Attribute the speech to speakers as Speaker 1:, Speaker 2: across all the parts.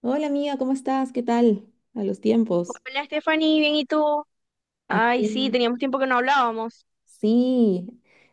Speaker 1: Hola amiga, ¿cómo estás? ¿Qué tal? A los tiempos.
Speaker 2: Hola, Stephanie, bien, ¿y tú? Ay,
Speaker 1: Aquí,
Speaker 2: sí, teníamos tiempo que no hablábamos.
Speaker 1: sí.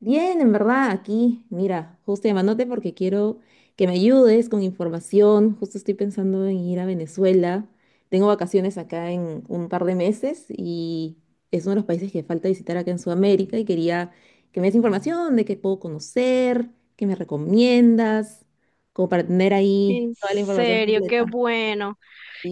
Speaker 1: Bien, en verdad, aquí. Mira, justo llamándote porque quiero que me ayudes con información. Justo estoy pensando en ir a Venezuela. Tengo vacaciones acá en un par de meses y es uno de los países que falta visitar acá en Sudamérica y quería que me des información de qué puedo conocer, qué me recomiendas, como para tener ahí
Speaker 2: En
Speaker 1: toda la información
Speaker 2: serio, qué
Speaker 1: completa.
Speaker 2: bueno.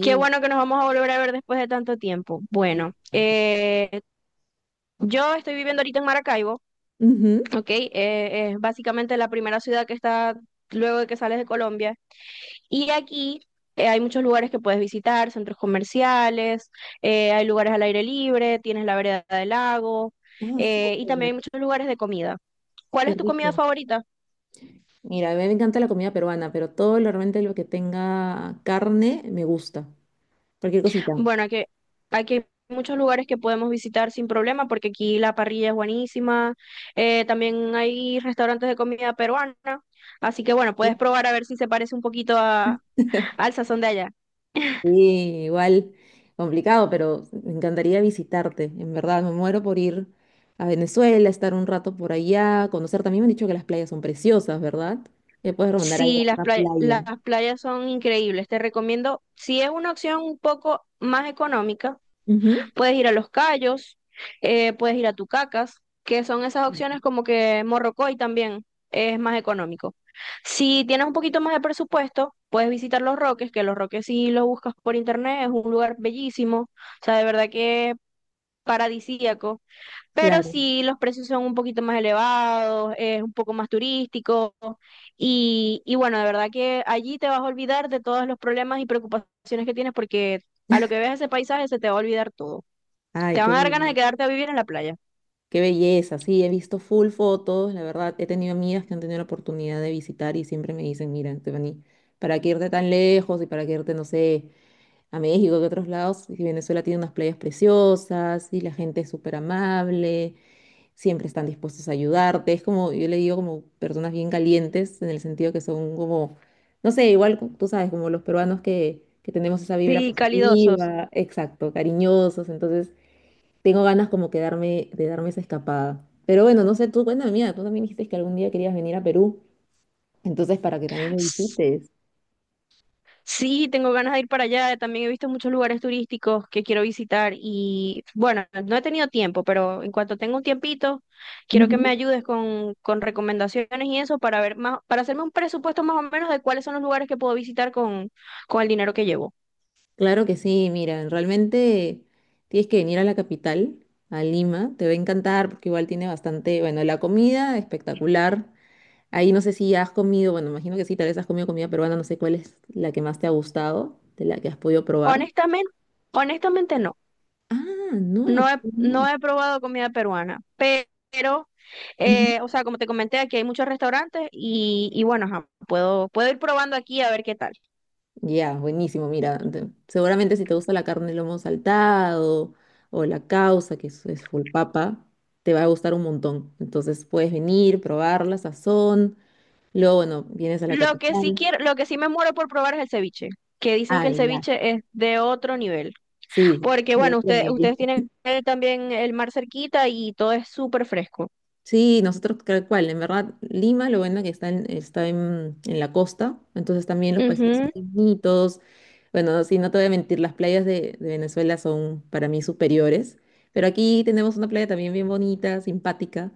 Speaker 2: Qué bueno que nos vamos a volver a ver después de tanto tiempo.
Speaker 1: Sí.
Speaker 2: Bueno, yo estoy viviendo ahorita en Maracaibo,
Speaker 1: Ujú.
Speaker 2: ¿ok? Es básicamente la primera ciudad que está luego de que sales de Colombia. Y aquí hay muchos lugares que puedes visitar, centros comerciales, hay lugares al aire libre, tienes la vereda del lago,
Speaker 1: Ah,
Speaker 2: y también hay
Speaker 1: súper.
Speaker 2: muchos lugares de comida. ¿Cuál
Speaker 1: Qué
Speaker 2: es tu comida
Speaker 1: rico.
Speaker 2: favorita?
Speaker 1: Mira, a mí me encanta la comida peruana, pero realmente lo que tenga carne me gusta. Cualquier cosita.
Speaker 2: Bueno, aquí hay muchos lugares que podemos visitar sin problema porque aquí la parrilla es buenísima. También hay restaurantes de comida peruana. Así que bueno, puedes probar a ver si se parece un poquito a, al sazón de allá.
Speaker 1: Sí, igual, complicado, pero me encantaría visitarte. En verdad, me muero por ir a Venezuela, estar un rato por allá, conocer. También me han dicho que las playas son preciosas, ¿verdad? Me puedes recomendar ahí
Speaker 2: Sí,
Speaker 1: una
Speaker 2: las
Speaker 1: playa.
Speaker 2: playas son increíbles. Te recomiendo, si es una opción un poco más económica,
Speaker 1: Ujú.
Speaker 2: puedes ir a Los Cayos, puedes ir a Tucacas, que son esas opciones como que Morrocoy también es más económico. Si tienes un poquito más de presupuesto, puedes visitar Los Roques, que Los Roques si lo buscas por internet, es un lugar bellísimo, o sea, de verdad que es paradisíaco, pero
Speaker 1: Claro.
Speaker 2: si los precios son un poquito más elevados, es un poco más turístico y bueno, de verdad que allí te vas a olvidar de todos los problemas y preocupaciones que tienes porque a lo que veas ese paisaje se te va a olvidar todo.
Speaker 1: Ay,
Speaker 2: Te van
Speaker 1: qué
Speaker 2: a dar ganas de
Speaker 1: bello.
Speaker 2: quedarte a vivir en la playa.
Speaker 1: Qué belleza, sí, he visto full fotos, la verdad, he tenido amigas que han tenido la oportunidad de visitar y siempre me dicen, mira, Stephanie, ¿para qué irte tan lejos y para qué irte, no sé, a México que otros lados? Y Venezuela tiene unas playas preciosas y la gente es súper amable, siempre están dispuestos a ayudarte, es como, yo le digo como personas bien calientes en el sentido que son como, no sé, igual tú sabes, como los peruanos que tenemos esa vibra
Speaker 2: Sí, calidosos.
Speaker 1: positiva, exacto, cariñosos, entonces... Tengo ganas como que darme- de darme esa escapada. Pero bueno, no sé, tú, cuéntame mía, tú también dijiste que algún día querías venir a Perú, entonces para que también me
Speaker 2: S-
Speaker 1: visites.
Speaker 2: Sí, tengo ganas de ir para allá. También he visto muchos lugares turísticos que quiero visitar y bueno, no he tenido tiempo, pero en cuanto tenga un tiempito, quiero que me
Speaker 1: Ujú.
Speaker 2: ayudes con recomendaciones y eso para ver más, para hacerme un presupuesto más o menos de cuáles son los lugares que puedo visitar con el dinero que llevo.
Speaker 1: Claro que sí, mira, realmente tienes que venir a la capital, a Lima, te va a encantar porque igual tiene bastante, bueno, la comida espectacular. Ahí no sé si has comido, bueno, imagino que sí, tal vez has comido comida peruana, no sé cuál es la que más te ha gustado, de la que has podido probar.
Speaker 2: Honestamente, honestamente no.
Speaker 1: Ah, no,
Speaker 2: No he probado comida peruana, pero,
Speaker 1: no.
Speaker 2: o sea, como te comenté, aquí hay muchos restaurantes y bueno, ajá, puedo ir probando aquí a ver qué tal.
Speaker 1: Ya, buenísimo. Mira, seguramente si te gusta la carne, el lomo saltado o la causa, que es full papa, te va a gustar un montón. Entonces puedes venir, probar la sazón. Luego, bueno, vienes a la
Speaker 2: Lo que sí
Speaker 1: capital.
Speaker 2: quiero, lo que sí me muero por probar es el ceviche, que dicen
Speaker 1: Ah,
Speaker 2: que el
Speaker 1: ya.
Speaker 2: ceviche es de otro nivel,
Speaker 1: Sí,
Speaker 2: porque
Speaker 1: ya
Speaker 2: bueno,
Speaker 1: otro
Speaker 2: ustedes
Speaker 1: nivel.
Speaker 2: tienen el- también el mar cerquita y todo es súper fresco.
Speaker 1: Sí, nosotros tal cual, en verdad, Lima, lo bueno que está en la costa, entonces también los paisajes son
Speaker 2: Ujú.
Speaker 1: bonitos. Bueno, sí, no te voy a mentir, las playas de Venezuela son para mí superiores, pero aquí tenemos una playa también bien bonita, simpática,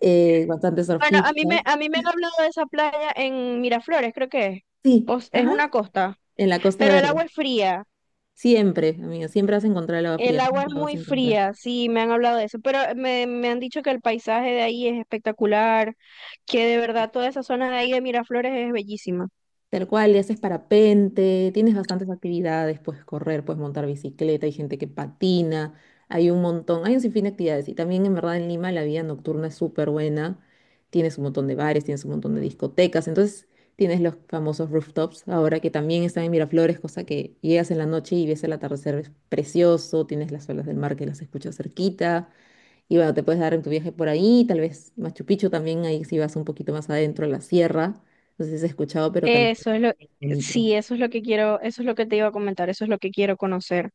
Speaker 1: bastantes
Speaker 2: Bueno,
Speaker 1: surfistas.
Speaker 2: a mí me han hablado de esa playa en Miraflores, creo que es.
Speaker 1: Sí,
Speaker 2: Pues, es
Speaker 1: ajá,
Speaker 2: una costa,
Speaker 1: en la Costa
Speaker 2: pero el
Speaker 1: Verde.
Speaker 2: agua es fría.
Speaker 1: Siempre, amiga, siempre vas a encontrar el agua
Speaker 2: El
Speaker 1: fría,
Speaker 2: agua es
Speaker 1: nunca vas a
Speaker 2: muy
Speaker 1: encontrar.
Speaker 2: fría, sí, me han hablado de eso, pero me han dicho que el paisaje de ahí es espectacular, que de verdad toda esa zona de ahí de Miraflores es bellísima.
Speaker 1: Tal cual, y haces parapente, tienes bastantes actividades, puedes correr, puedes montar bicicleta, hay gente que patina, hay un montón, hay un sinfín de actividades. Y también en verdad en Lima la vida nocturna es súper buena, tienes un montón de bares, tienes un montón de discotecas, entonces tienes los famosos rooftops ahora que también están en Miraflores, cosa que llegas en la noche y ves el atardecer, es precioso, tienes las olas del mar que las escuchas cerquita. Y bueno, te puedes dar en tu viaje por ahí, tal vez Machu Picchu también, ahí si vas un poquito más adentro a la sierra. No sé si has escuchado, pero también
Speaker 2: Eso es lo,
Speaker 1: es bonito.
Speaker 2: sí, eso es lo que quiero, eso es lo que te iba a comentar, eso es lo que quiero conocer.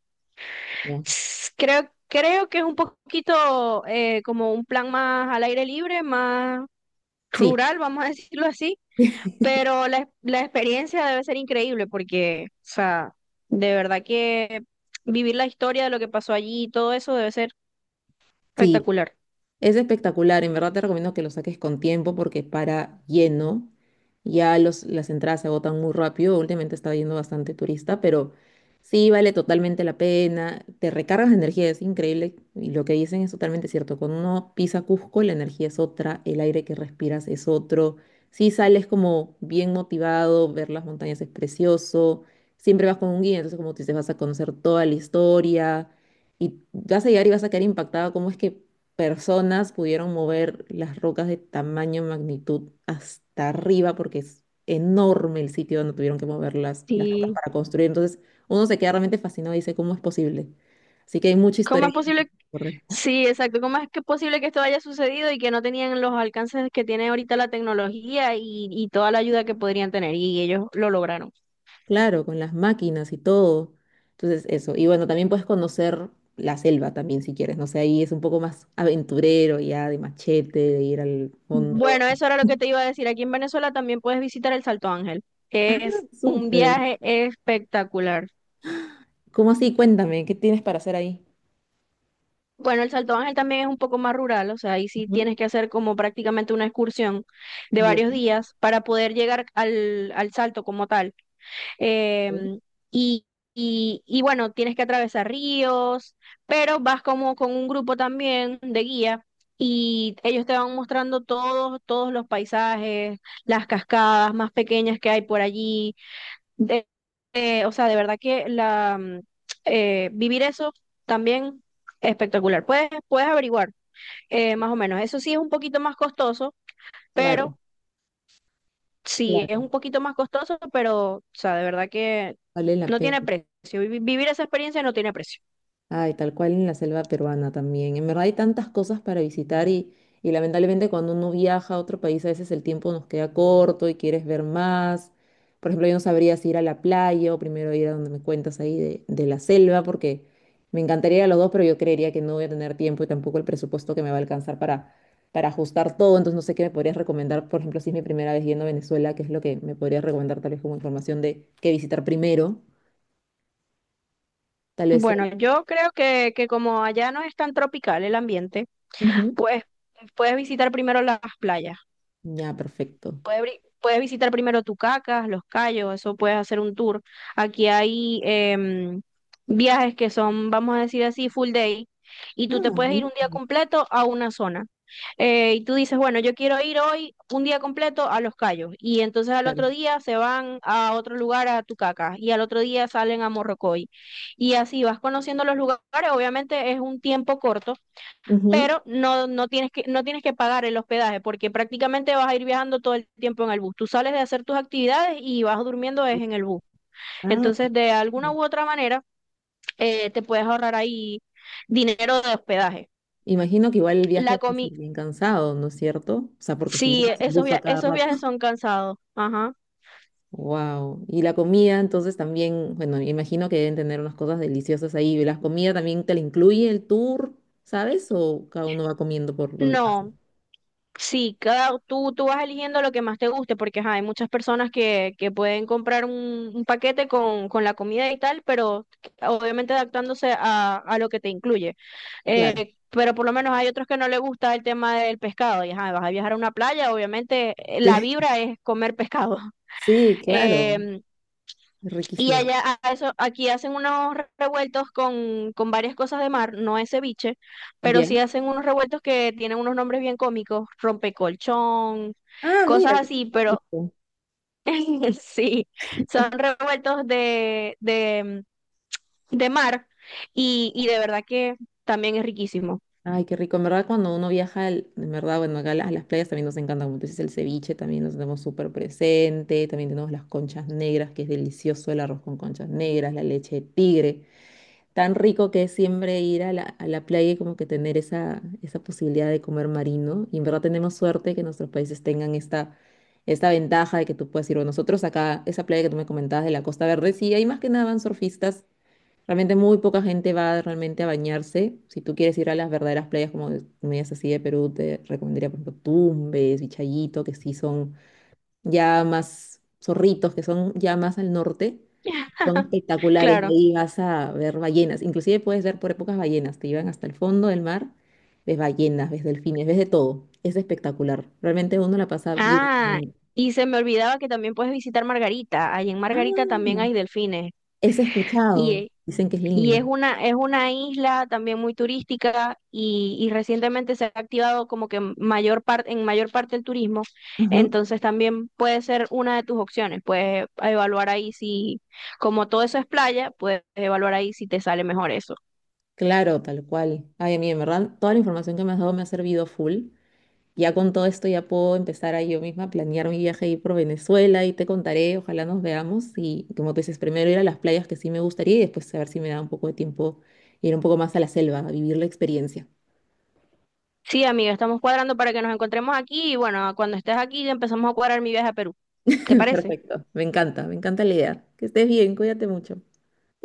Speaker 1: ¿Ya?
Speaker 2: Creo que es un poquito como un plan más al aire libre, más
Speaker 1: Sí,
Speaker 2: rural, vamos a decirlo así. Pero la experiencia debe ser increíble porque, o sea, de verdad que vivir la historia de lo que pasó allí y todo eso debe ser
Speaker 1: sí.
Speaker 2: espectacular.
Speaker 1: Es espectacular, en verdad te recomiendo que lo saques con tiempo porque para lleno, ya las entradas se agotan muy rápido, últimamente está yendo bastante turista, pero sí vale totalmente la pena, te recargas de energía, es increíble y lo que dicen es totalmente cierto, cuando uno pisa Cusco la energía es otra, el aire que respiras es otro, sí sales como bien motivado, ver las montañas es precioso, siempre vas con un guía, entonces como tú dices vas a conocer toda la historia y vas a llegar y vas a quedar impactado, cómo es que personas pudieron mover las rocas de tamaño, magnitud hasta arriba, porque es enorme el sitio donde tuvieron que mover las rocas
Speaker 2: Sí.
Speaker 1: para construir. Entonces, uno se queda realmente fascinado y dice, ¿cómo es posible? Así que hay mucha
Speaker 2: ¿Cómo
Speaker 1: historia
Speaker 2: es
Speaker 1: ahí que
Speaker 2: posible?
Speaker 1: correr.
Speaker 2: Sí, exacto. ¿Cómo es que es posible que esto haya sucedido y que no tenían los alcances que tiene ahorita la tecnología y toda la ayuda que podrían tener? Y ellos lo lograron.
Speaker 1: Claro, con las máquinas y todo. Entonces, eso. Y bueno, también puedes conocer la selva también si quieres. No sé, ahí es un poco más aventurero ya, de machete, de ir al fondo.
Speaker 2: Bueno, eso era lo que te iba a decir. Aquí en Venezuela también puedes visitar el Salto Ángel,
Speaker 1: Ah,
Speaker 2: que es un
Speaker 1: súper.
Speaker 2: viaje espectacular.
Speaker 1: ¿Cómo así? Cuéntame, ¿qué tienes para hacer ahí?
Speaker 2: Bueno, el Salto Ángel también es un poco más rural, o sea, ahí sí
Speaker 1: Ujú.
Speaker 2: tienes que hacer como prácticamente una excursión de varios
Speaker 1: Bien,
Speaker 2: días para poder llegar al, al Salto como tal.
Speaker 1: ok.
Speaker 2: Em, y, y bueno, tienes que atravesar ríos, pero vas como con un grupo también de guía y ellos te van mostrando todos los paisajes, las cascadas más pequeñas que hay por allí de, o sea, de verdad que la, vivir eso también es espectacular. Puedes averiguar más o menos. Eso sí es un poquito más costoso,
Speaker 1: Claro,
Speaker 2: pero sí es
Speaker 1: claro.
Speaker 2: un poquito más costoso, pero, o sea, de verdad que
Speaker 1: Vale la
Speaker 2: no
Speaker 1: pena.
Speaker 2: tiene precio. Vivir esa experiencia no tiene precio.
Speaker 1: Ay, tal cual en la selva peruana también. En verdad hay tantas cosas para visitar y lamentablemente cuando uno viaja a otro país a veces el tiempo nos queda corto y quieres ver más. Por ejemplo, yo no sabría si ir a la playa o primero ir a donde me cuentas ahí de la selva porque me encantaría ir a los dos, pero yo creería que no voy a tener tiempo y tampoco el presupuesto que me va a alcanzar para ajustar todo. Entonces no sé qué me podrías recomendar, por ejemplo, si es mi primera vez yendo a Venezuela, qué es lo que me podrías recomendar tal vez como información de qué visitar primero. Tal vez...
Speaker 2: Bueno,
Speaker 1: el-
Speaker 2: yo creo que como allá no es tan tropical el ambiente,
Speaker 1: Ujú.
Speaker 2: pues puedes visitar primero las playas.
Speaker 1: Ya, perfecto.
Speaker 2: Puedes, puedes visitar primero Tucacas, Los Cayos, eso puedes hacer un tour. Aquí hay viajes que son, vamos a decir así, full day, y
Speaker 1: Ah,
Speaker 2: tú te puedes ir un día
Speaker 1: buenísimo,
Speaker 2: completo a una zona. Y tú dices, bueno, yo quiero ir hoy un día completo a Los Cayos, y entonces al
Speaker 1: claro.
Speaker 2: otro día se van a otro lugar, a Tucacas, y al otro día salen a Morrocoy. Y así vas conociendo los lugares, obviamente es un tiempo corto,
Speaker 1: Ujú.
Speaker 2: pero no tienes no tienes que pagar el hospedaje porque prácticamente vas a ir viajando todo el tiempo en el bus. Tú sales de hacer tus actividades y vas durmiendo es en el bus.
Speaker 1: Ah,
Speaker 2: Entonces, de alguna
Speaker 1: no.
Speaker 2: u otra manera, te puedes ahorrar ahí dinero de hospedaje.
Speaker 1: Imagino que igual el viaje
Speaker 2: La
Speaker 1: debe ser
Speaker 2: comi
Speaker 1: bien cansado, ¿no es cierto? O sea, porque si
Speaker 2: sí,
Speaker 1: viajas en bus a cada
Speaker 2: esos
Speaker 1: rato.
Speaker 2: viajes son cansados. Ajá.
Speaker 1: Wow. Y la comida, entonces también, bueno, imagino que deben tener unas cosas deliciosas ahí. ¿La comida también te la incluye el tour, sabes? ¿O cada uno va comiendo por donde pasa?
Speaker 2: No, sí, tú vas eligiendo lo que más te guste, porque ajá, hay muchas personas que pueden comprar un paquete con la comida y tal, pero obviamente adaptándose a lo que te incluye.
Speaker 1: Claro.
Speaker 2: Pero por lo menos hay otros que no les gusta el tema del pescado, y ajá, vas a viajar a una playa, obviamente la
Speaker 1: Sí,
Speaker 2: vibra es comer pescado.
Speaker 1: sí, claro.
Speaker 2: Y
Speaker 1: Riquísimo.
Speaker 2: allá, a eso, aquí hacen unos revueltos con varias cosas de mar, no es ceviche, pero sí
Speaker 1: Ya.
Speaker 2: hacen unos revueltos que tienen unos nombres bien cómicos, rompecolchón,
Speaker 1: Ah,
Speaker 2: cosas
Speaker 1: mira, qué
Speaker 2: así, pero
Speaker 1: simpático.
Speaker 2: sí, son revueltos de mar y de verdad que también es riquísimo.
Speaker 1: Ay, qué rico. En verdad, cuando uno viaja, en verdad, bueno, acá las playas también nos encantan. Como tú dices, el ceviche también nos tenemos súper presente. También tenemos las conchas negras, que es delicioso el arroz con conchas negras, la leche de tigre. Tan rico que es siempre ir a a la playa y como que tener esa, esa posibilidad de comer marino. Y en verdad tenemos suerte que nuestros países tengan esta ventaja de que tú puedes ir. Bueno, nosotros acá, esa playa que tú me comentabas de la Costa Verde, sí, hay más que nada van surfistas. Realmente muy poca gente va realmente a bañarse. Si tú quieres ir a las verdaderas playas como medias así de Perú, te recomendaría, por ejemplo, Tumbes, Vichayito, que sí son ya más zorritos, que son ya más al norte. Son espectaculares.
Speaker 2: Claro.
Speaker 1: Ahí vas a ver ballenas. Inclusive puedes ver por épocas ballenas. Te llevan hasta el fondo del mar. Ves ballenas, ves delfines, ves de todo. Es espectacular. Realmente uno la pasa
Speaker 2: Ah,
Speaker 1: bien.
Speaker 2: y se me olvidaba que también puedes visitar Margarita, ahí en
Speaker 1: Ah,
Speaker 2: Margarita también hay delfines.
Speaker 1: es escuchado.
Speaker 2: Y
Speaker 1: Dicen que es linda.
Speaker 2: Es una isla también muy turística y recientemente se ha activado como que mayor parte, en mayor parte el turismo.
Speaker 1: Ajá.
Speaker 2: Entonces también puede ser una de tus opciones. Puedes evaluar ahí si, como todo eso es playa, puedes evaluar ahí si te sale mejor eso.
Speaker 1: Claro, tal cual. Ay, a mí, en verdad, toda la información que me has dado me ha servido full. Ya con todo esto ya puedo empezar a yo misma a planear mi viaje ahí por Venezuela y te contaré, ojalá nos veamos. Y como tú dices, primero ir a las playas que sí me gustaría y después a ver si me da un poco de tiempo ir un poco más a la selva, a vivir la experiencia.
Speaker 2: Sí, amiga, estamos cuadrando para que nos encontremos aquí y bueno, cuando estés aquí empezamos a cuadrar mi viaje a Perú. ¿Te parece?
Speaker 1: Perfecto, me encanta la idea. Que estés bien, cuídate mucho.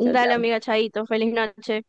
Speaker 1: Chao, chao.
Speaker 2: amiga. Chaito, feliz noche.